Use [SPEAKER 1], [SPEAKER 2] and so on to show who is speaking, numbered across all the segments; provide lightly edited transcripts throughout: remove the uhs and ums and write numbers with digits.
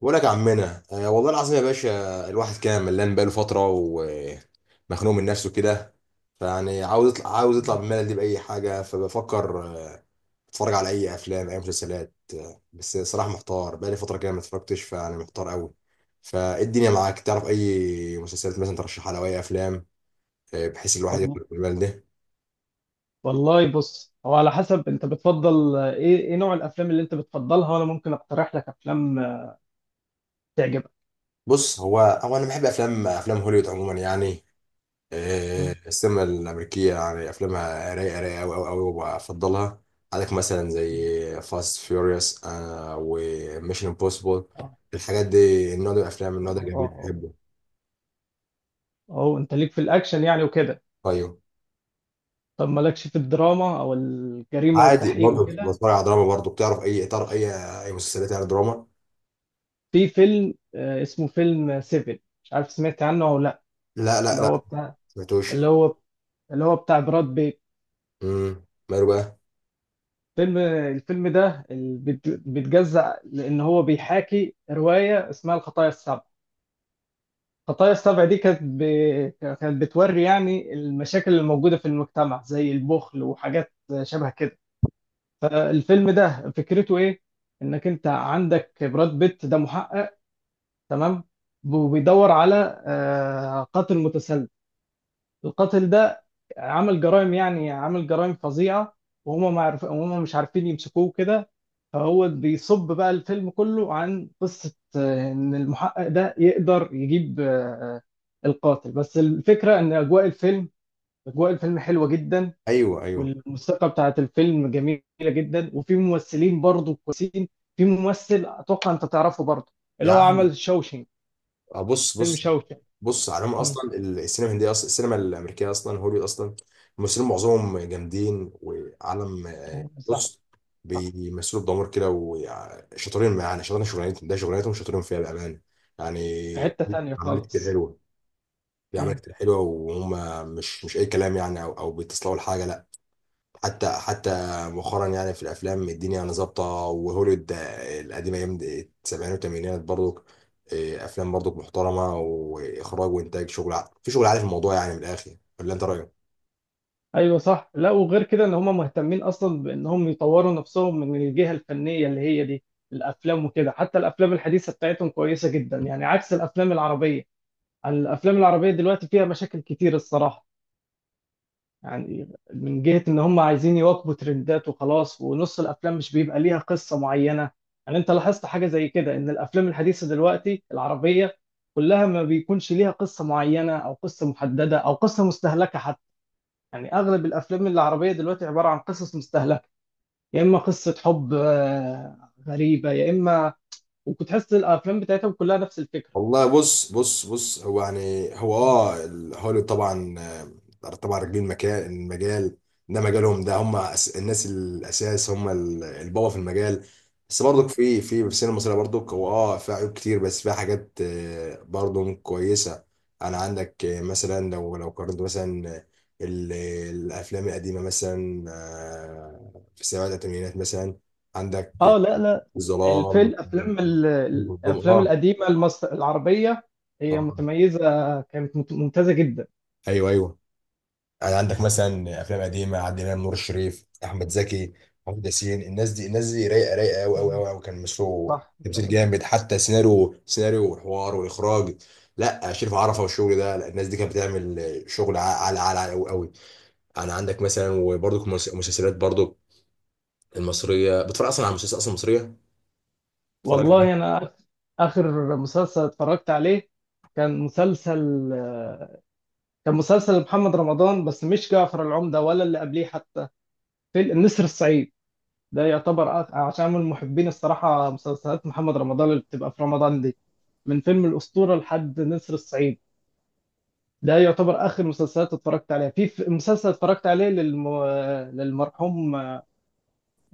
[SPEAKER 1] بقول لك يا عمنا، آه والله العظيم يا باشا، الواحد كان ملان بقاله فترة ومخنوق من نفسه كده. فيعني عاوز يطلع، من الملل دي بأي حاجة. فبفكر اتفرج على أي أفلام، أي مسلسلات. بس صراحة محتار بقالي فترة كده ما اتفرجتش، فيعني محتار قوي. فإيه الدنيا معاك، تعرف أي مسلسلات مثلا ترشحها، لو أي أفلام، بحيث الواحد
[SPEAKER 2] وال-
[SPEAKER 1] يخرج من الملل ده.
[SPEAKER 2] والله بص، هو على حسب انت بتفضل ايه نوع الافلام اللي انت بتفضلها، وانا ممكن اقترح لك افلام تعجبك.
[SPEAKER 1] بص، هو أنا بحب أفلام، أفلام هوليوود عموما يعني.
[SPEAKER 2] مم.
[SPEAKER 1] السينما الأمريكية يعني أفلامها رايقة رايقة أوي أوي أوي وبفضلها. عندك مثلا
[SPEAKER 2] مم.
[SPEAKER 1] زي فاست فيوريوس وميشن امبوسيبل،
[SPEAKER 2] اه.
[SPEAKER 1] الحاجات دي، النوع ده من الأفلام، النوع ده جميل
[SPEAKER 2] اه.
[SPEAKER 1] بحبه.
[SPEAKER 2] اه، انت ليك في الاكشن يعني وكده.
[SPEAKER 1] أيوه.
[SPEAKER 2] طب مالكش في الدراما او الجريمه
[SPEAKER 1] عادي
[SPEAKER 2] والتحقيق
[SPEAKER 1] برضه،
[SPEAKER 2] وكده؟
[SPEAKER 1] بتفرج على دراما برضه. بتعرف أي إطار، أي أي مسلسلات يعني دراما؟
[SPEAKER 2] في فيلم اسمه فيلم سيفن، مش عارف سمعت عنه او لا؟
[SPEAKER 1] لا لا
[SPEAKER 2] اللي هو
[SPEAKER 1] لا،
[SPEAKER 2] بتاع اللي
[SPEAKER 1] سمعتوش.
[SPEAKER 2] هو اللي هو بتاع براد بيت.
[SPEAKER 1] امم، ماله بقى؟
[SPEAKER 2] الفيلم ده بيتجزأ، لان هو بيحاكي روايه اسمها الخطايا السبع. خطايا السبع دي كانت بتوري يعني المشاكل الموجودة في المجتمع زي البخل وحاجات شبه كده. فالفيلم ده فكرته ايه؟ انك انت عندك براد بيت ده محقق، تمام. وبيدور على قاتل متسلسل. القاتل ده عمل جرائم، يعني عمل جرائم فظيعة. وهم مش عارفين يمسكوه كده. فهو بيصب بقى الفيلم كله عن قصة إن المحقق ده يقدر يجيب آه، القاتل. بس الفكرة إن أجواء الفيلم حلوة جدا.
[SPEAKER 1] أيوه أيوه
[SPEAKER 2] والموسيقى بتاعت الفيلم جميلة جدا، وفي ممثلين برضه كويسين. في ممثل أتوقع أنت تعرفه برضه، اللي هو
[SPEAKER 1] يعني.
[SPEAKER 2] عمل شوشنج،
[SPEAKER 1] بص
[SPEAKER 2] فيلم
[SPEAKER 1] بص.
[SPEAKER 2] شوشنج.
[SPEAKER 1] بص عليهم،
[SPEAKER 2] مم.
[SPEAKER 1] أصلا السينما الهندية، أصلا السينما الأمريكية، أصلا هوليوود، أصلا الممثلين معظمهم جامدين وعالم.
[SPEAKER 2] أيوة، صح.
[SPEAKER 1] بص،
[SPEAKER 2] صح.
[SPEAKER 1] بيمثلوا بضمير كده وشاطرين، معانا شاطرين شغلانتهم، ده شغلانتهم شاطرين فيها بامانه يعني.
[SPEAKER 2] في حتة
[SPEAKER 1] في
[SPEAKER 2] تانية
[SPEAKER 1] اعمال كتير
[SPEAKER 2] خالص.
[SPEAKER 1] حلوه، في اعمال كتير حلوه، وهم مش اي كلام يعني، او بيتصلوا لحاجه، لا. حتى حتى مؤخرا يعني، في الافلام الدنيا يعني ظابطه. وهوليوود القديمه، ايام السبعينات والثمانينات برضو، افلام برضو محترمه، واخراج وانتاج، في شغل عالي في الموضوع يعني، من الاخر. ولا انت رايك؟
[SPEAKER 2] ايوه، صح. لا، وغير كده ان هم مهتمين اصلا بانهم يطوروا نفسهم من الجهه الفنيه اللي هي دي الافلام وكده، حتى الافلام الحديثه بتاعتهم كويسه جدا يعني، عكس الافلام العربيه. الافلام العربيه دلوقتي فيها مشاكل كتير الصراحه يعني، من جهه ان هم عايزين يواكبوا ترندات وخلاص، ونص الافلام مش بيبقى ليها قصه معينه. يعني انت لاحظت حاجه زي كده، ان الافلام الحديثه دلوقتي العربيه كلها ما بيكونش ليها قصه معينه او قصه محدده او قصه مستهلكه حتى؟ يعني اغلب الافلام العربيه دلوقتي عباره عن قصص مستهلكه، يا اما قصه حب غريبه، يا اما. وتحس الافلام بتاعتهم كلها نفس الفكره.
[SPEAKER 1] والله بص بص بص، هو يعني هو اه هوليوود طبعا، طبعا راكبين المكان، المجال ده مجالهم. ده هم الناس الاساس، هم البابا في المجال. بس برضك في السينما المصريه برضك، هو اه فيها عيوب كتير، بس فيها حاجات برضه كويسه. انا عندك مثلا، لو قارنت مثلا، ال- الافلام القديمه مثلا، في السبعينات والثمانينات مثلا،
[SPEAKER 2] اه،
[SPEAKER 1] عندك
[SPEAKER 2] لا لا،
[SPEAKER 1] الظلام. اه
[SPEAKER 2] الافلام
[SPEAKER 1] آه.
[SPEAKER 2] القديمه المصر العربيه، هي
[SPEAKER 1] آه.
[SPEAKER 2] متميزه، كانت ممتازه جدا.
[SPEAKER 1] ايوه ايوه. يعني عندك مثلا افلام قديمه، عادل امام، نور الشريف، احمد زكي، محمود ياسين. الناس دي، الناس دي رايقه رايقه قوي قوي قوي قوي. كان مسرو
[SPEAKER 2] صح.
[SPEAKER 1] تمثيل جامد، حتى سيناريو، سيناريو وحوار واخراج. لا شريف عرفه والشغل ده، لا الناس دي كانت بتعمل شغل، على على على قوي قوي يعني. عندك مثلا، وبرضك المسلسلات برضك المصريه، بتتفرج اصلا على المسلسلات اصلا المصريه؟ بتتفرج في دي؟
[SPEAKER 2] والله انا اخر مسلسل اتفرجت عليه كان مسلسل آه، كان مسلسل محمد رمضان، بس مش جعفر العمدة ولا اللي قبليه حتى. في النسر الصعيد، ده يعتبر عشان من محبين الصراحة مسلسلات محمد رمضان اللي بتبقى في رمضان دي، من فيلم الأسطورة لحد نسر الصعيد. ده يعتبر آخر مسلسلات اتفرجت عليها، مسلسل اتفرجت عليه للمرحوم،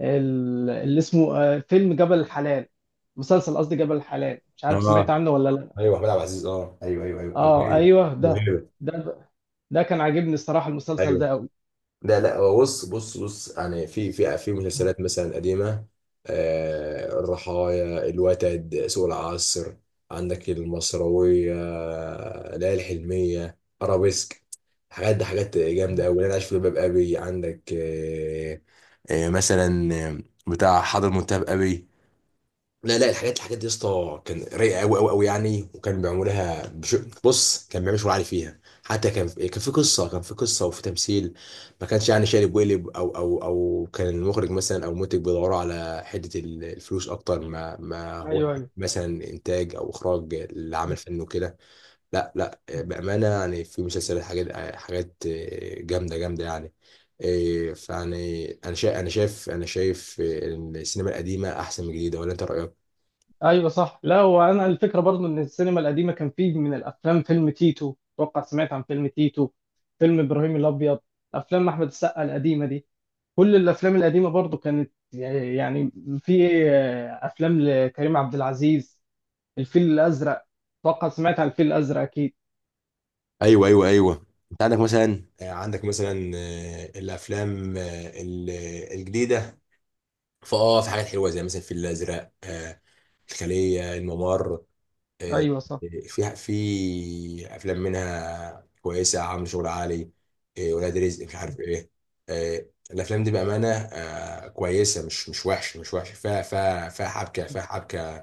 [SPEAKER 2] اللي اسمه فيلم جبل الحلال، مسلسل قصدي جبل الحلال، مش عارف سمعت
[SPEAKER 1] اه.
[SPEAKER 2] عنه ولا لا؟
[SPEAKER 1] ايوه، احمد عبد العزيز، اه ايوه ايوه ايوه، ابو
[SPEAKER 2] اه
[SPEAKER 1] هيبه.
[SPEAKER 2] ايوه،
[SPEAKER 1] أبو هيبة.
[SPEAKER 2] ده ده كان عاجبني الصراحة، المسلسل
[SPEAKER 1] ايوه.
[SPEAKER 2] ده قوي.
[SPEAKER 1] لا لا، هو بص بص بص، يعني في مسلسلات مثلا قديمة، آه الرحايا، الوتد، سوق العصر، عندك المصروية، ليالي الحلمية، أرابيسك. حاجات دي حاجات جامدة أوي. أنا عايش في جلباب أبي، عندك آه آه مثلا، بتاع حضر منتهى أبي. لا لا، الحاجات، الحاجات دي يا اسطى كان رايقه قوي قوي قوي يعني. بص كان بيعمل شغل عالي فيها. حتى كان كان في قصه وفي تمثيل. ما كانش يعني شارب وقلب، او كان المخرج مثلا او المنتج بيدوروا على حته الفلوس اكتر ما هو
[SPEAKER 2] ايوه ايوه
[SPEAKER 1] مثلا انتاج او اخراج لعمل فني وكده. لا لا، بامانه يعني، في مسلسلات حاجات، حاجات جامده جامده يعني. فيعني انا شايف، ان السينما القديمه احسن من الجديده. ولا انت رايك؟
[SPEAKER 2] ايوه، صح. لا، وانا الفكره برضو ان السينما القديمه كان فيه من الافلام فيلم تيتو، اتوقع سمعت عن فيلم تيتو، فيلم ابراهيم الابيض، افلام احمد السقا القديمه دي. كل الافلام القديمه برضو كانت يعني، في افلام لكريم عبد العزيز، الفيل الازرق، اتوقع سمعت عن الفيل الازرق اكيد.
[SPEAKER 1] ايوه ايوه ايوه. انت عندك مثلا، عندك مثلا، الافلام الجديده، فاه في حاجات حلوه، زي مثلا الفيل الازرق، الخليه، الممر، آه،
[SPEAKER 2] ايوه، صح.
[SPEAKER 1] في افلام منها كويسه، عامل شغل عالي. ولاد رزق، مش عارف ايه. آه، الافلام دي بامانه كويسه، مش وحش، مش وحش، فيها حبكه، فيها حبكه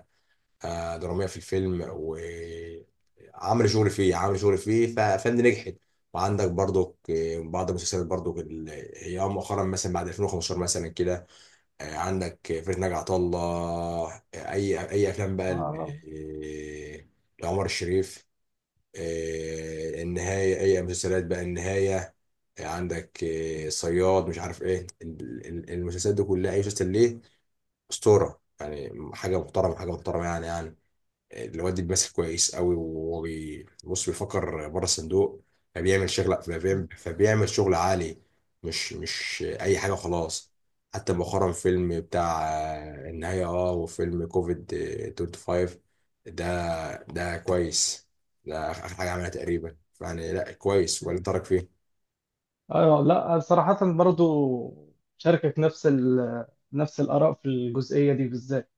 [SPEAKER 1] دراميه في الفيلم، وعمل شغل فيه، ففند نجحت. وعندك برضو بعض المسلسلات برضو، هي مؤخرا مثلا بعد 2015 مثلا كده، عندك فرقة ناجي عطا الله، اي افلام بقى
[SPEAKER 2] آه.
[SPEAKER 1] آه، لعمر الشريف، النهايه. اي مسلسلات بقى النهايه، عندك صياد، مش عارف ايه، المسلسلات دي كلها، اي مسلسل ليه اسطوره يعني، حاجه محترمه، حاجه محترمه يعني يعني. الواد دي بيمثل كويس قوي، وهو بص بيفكر بره الصندوق، فبيعمل شغل عالي، مش مش اي حاجه وخلاص. حتى مؤخرا، فيلم بتاع النهايه، اه، وفيلم كوفيد 25، ده ده كويس، ده اخر حاجه عملها تقريبا يعني، لا كويس، ولا ترك فيه.
[SPEAKER 2] ايوه، لا صراحه برضو شاركك نفس الاراء في الجزئيه دي بالذات.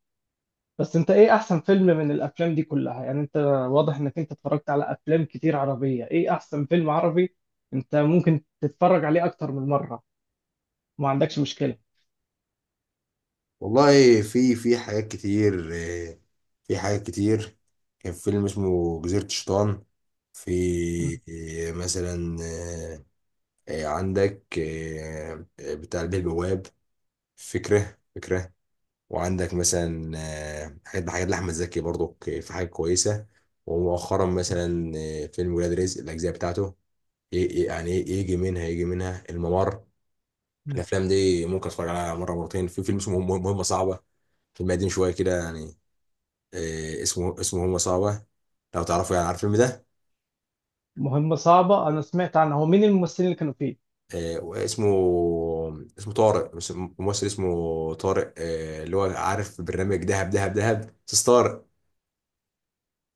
[SPEAKER 2] بس انت ايه احسن فيلم من الافلام دي كلها يعني؟ انت واضح انك انت اتفرجت على افلام كتير عربية، ايه احسن فيلم عربي انت ممكن تتفرج عليه اكتر من مرة، ما عندكش مشكلة؟
[SPEAKER 1] والله في في حاجات كتير، في حاجات كتير. كان فيلم اسمه جزيرة الشيطان، في
[SPEAKER 2] مم.
[SPEAKER 1] مثلا عندك بتاع البيه البواب. فكرة فكرة. وعندك مثلا حاجات، حاجات لأحمد زكي برضو، في حاجات كويسة. ومؤخرا مثلا فيلم ولاد رزق، الأجزاء بتاعته. يعني يجي منها، يجي منها الممر.
[SPEAKER 2] مم.
[SPEAKER 1] الأفلام دي ممكن أتفرج عليها مرة مرتين. في فيلم اسمه مهمة صعبة، فيلم قديم شوية كده يعني، اسمه هم صعبة، لو تعرفوا يعني، عارف الفيلم ده؟
[SPEAKER 2] مهمة صعبة، انا سمعت عنها. هو مين الممثلين اللي كانوا فيه؟
[SPEAKER 1] واسمه، اسمه طارق. مش ممثل اسمه طارق اللي هو، عارف برنامج دهب دهب دهب، بس طارق.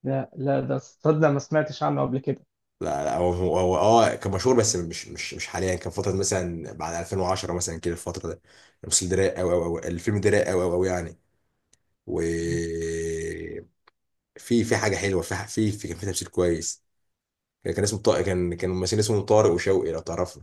[SPEAKER 2] لا لا، ده صدق ما سمعتش عنه قبل كده.
[SPEAKER 1] لا لا، هو هو هو اه كان مشهور، بس مش حاليا، كان فترة مثلا بعد 2010 مثلا كده، الفترة ده. الممثل ده رايق قوي قوي قوي، الفيلم ده رايق قوي قوي قوي يعني. و
[SPEAKER 2] مم.
[SPEAKER 1] في حاجة حلوة، في كان في تمثيل كويس. كان كان اسمه طارق، كان كان ممثلين اسمه طارق وشوقي، لو تعرفوا.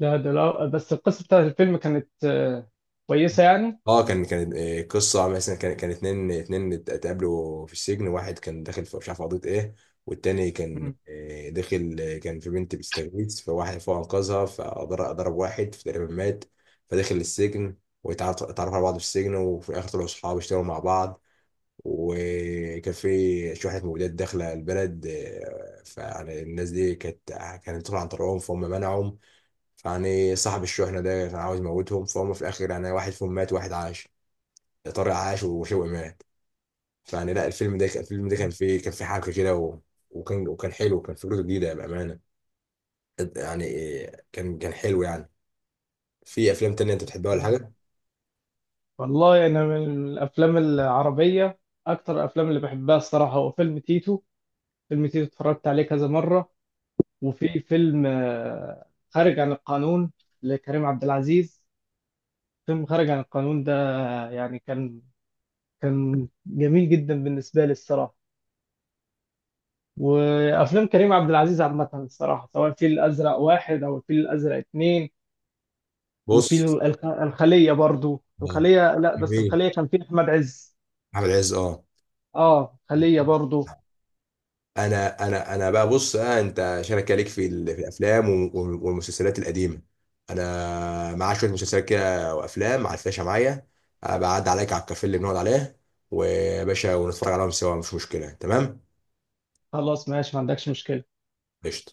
[SPEAKER 2] لا، ده لا، بس القصة بتاعت الفيلم كانت كويسة يعني.
[SPEAKER 1] اه كان كان قصه مثلا، كان كان اتقابلوا في السجن، واحد كان داخل في مش عارف قضيه ايه، والتاني كان
[SPEAKER 2] مم.
[SPEAKER 1] داخل كان في بنت بتستغيث، فواحد فوق انقذها، فضرب ضرب واحد فتقريبا مات، فدخل السجن، واتعرفوا على بعض في السجن، وفي الاخر طلعوا صحاب، اشتغلوا مع بعض. وكان في شوية مولودات داخلة البلد فيعني الناس دي كانت، كانت بتدخل عن طريقهم، فهم منعهم. فيعني صاحب الشحنة ده كان عاوز يموتهم، فهم في الآخر يعني، واحد فيهم مات وواحد عاش. طارق عاش وشوقي مات. فيعني لا الفيلم ده، الفيلم ده كان فيه، كان فيه حبكه كده، وكان، وكان حلو، وكان فكرته جديده بامانه يعني. كان كان حلو يعني. في افلام تانية انت بتحبها ولا
[SPEAKER 2] مم.
[SPEAKER 1] حاجه؟
[SPEAKER 2] والله انا من الافلام العربية، اكتر الافلام اللي بحبها الصراحة هو فيلم تيتو. فيلم تيتو اتفرجت عليه كذا مرة. وفي فيلم خارج عن القانون لكريم عبد العزيز. فيلم خارج عن القانون ده يعني كان جميل جدا بالنسبة لي الصراحة. وأفلام كريم عبد العزيز عامة الصراحة، سواء الفيل الأزرق واحد أو الفيل الأزرق اتنين. وفي
[SPEAKER 1] بص
[SPEAKER 2] الخلية برضو،
[SPEAKER 1] آه.
[SPEAKER 2] الخلية، لا بس
[SPEAKER 1] جميل.
[SPEAKER 2] الخلية كان فيه أحمد عز.
[SPEAKER 1] احمد عز اه.
[SPEAKER 2] اه، خلية برضو.
[SPEAKER 1] انا انا انا بقى، بص آه، انت شارك عليك في في الافلام والمسلسلات القديمه، انا معايا شويه مسلسلات كده وافلام على الفلاشه معايا. بعد عليك على الكافيه اللي بنقعد عليه ويا باشا، ونتفرج عليهم سوا، مش مشكله، تمام؟
[SPEAKER 2] خلاص ماشي، ما عندكش مشكلة.
[SPEAKER 1] قشطه.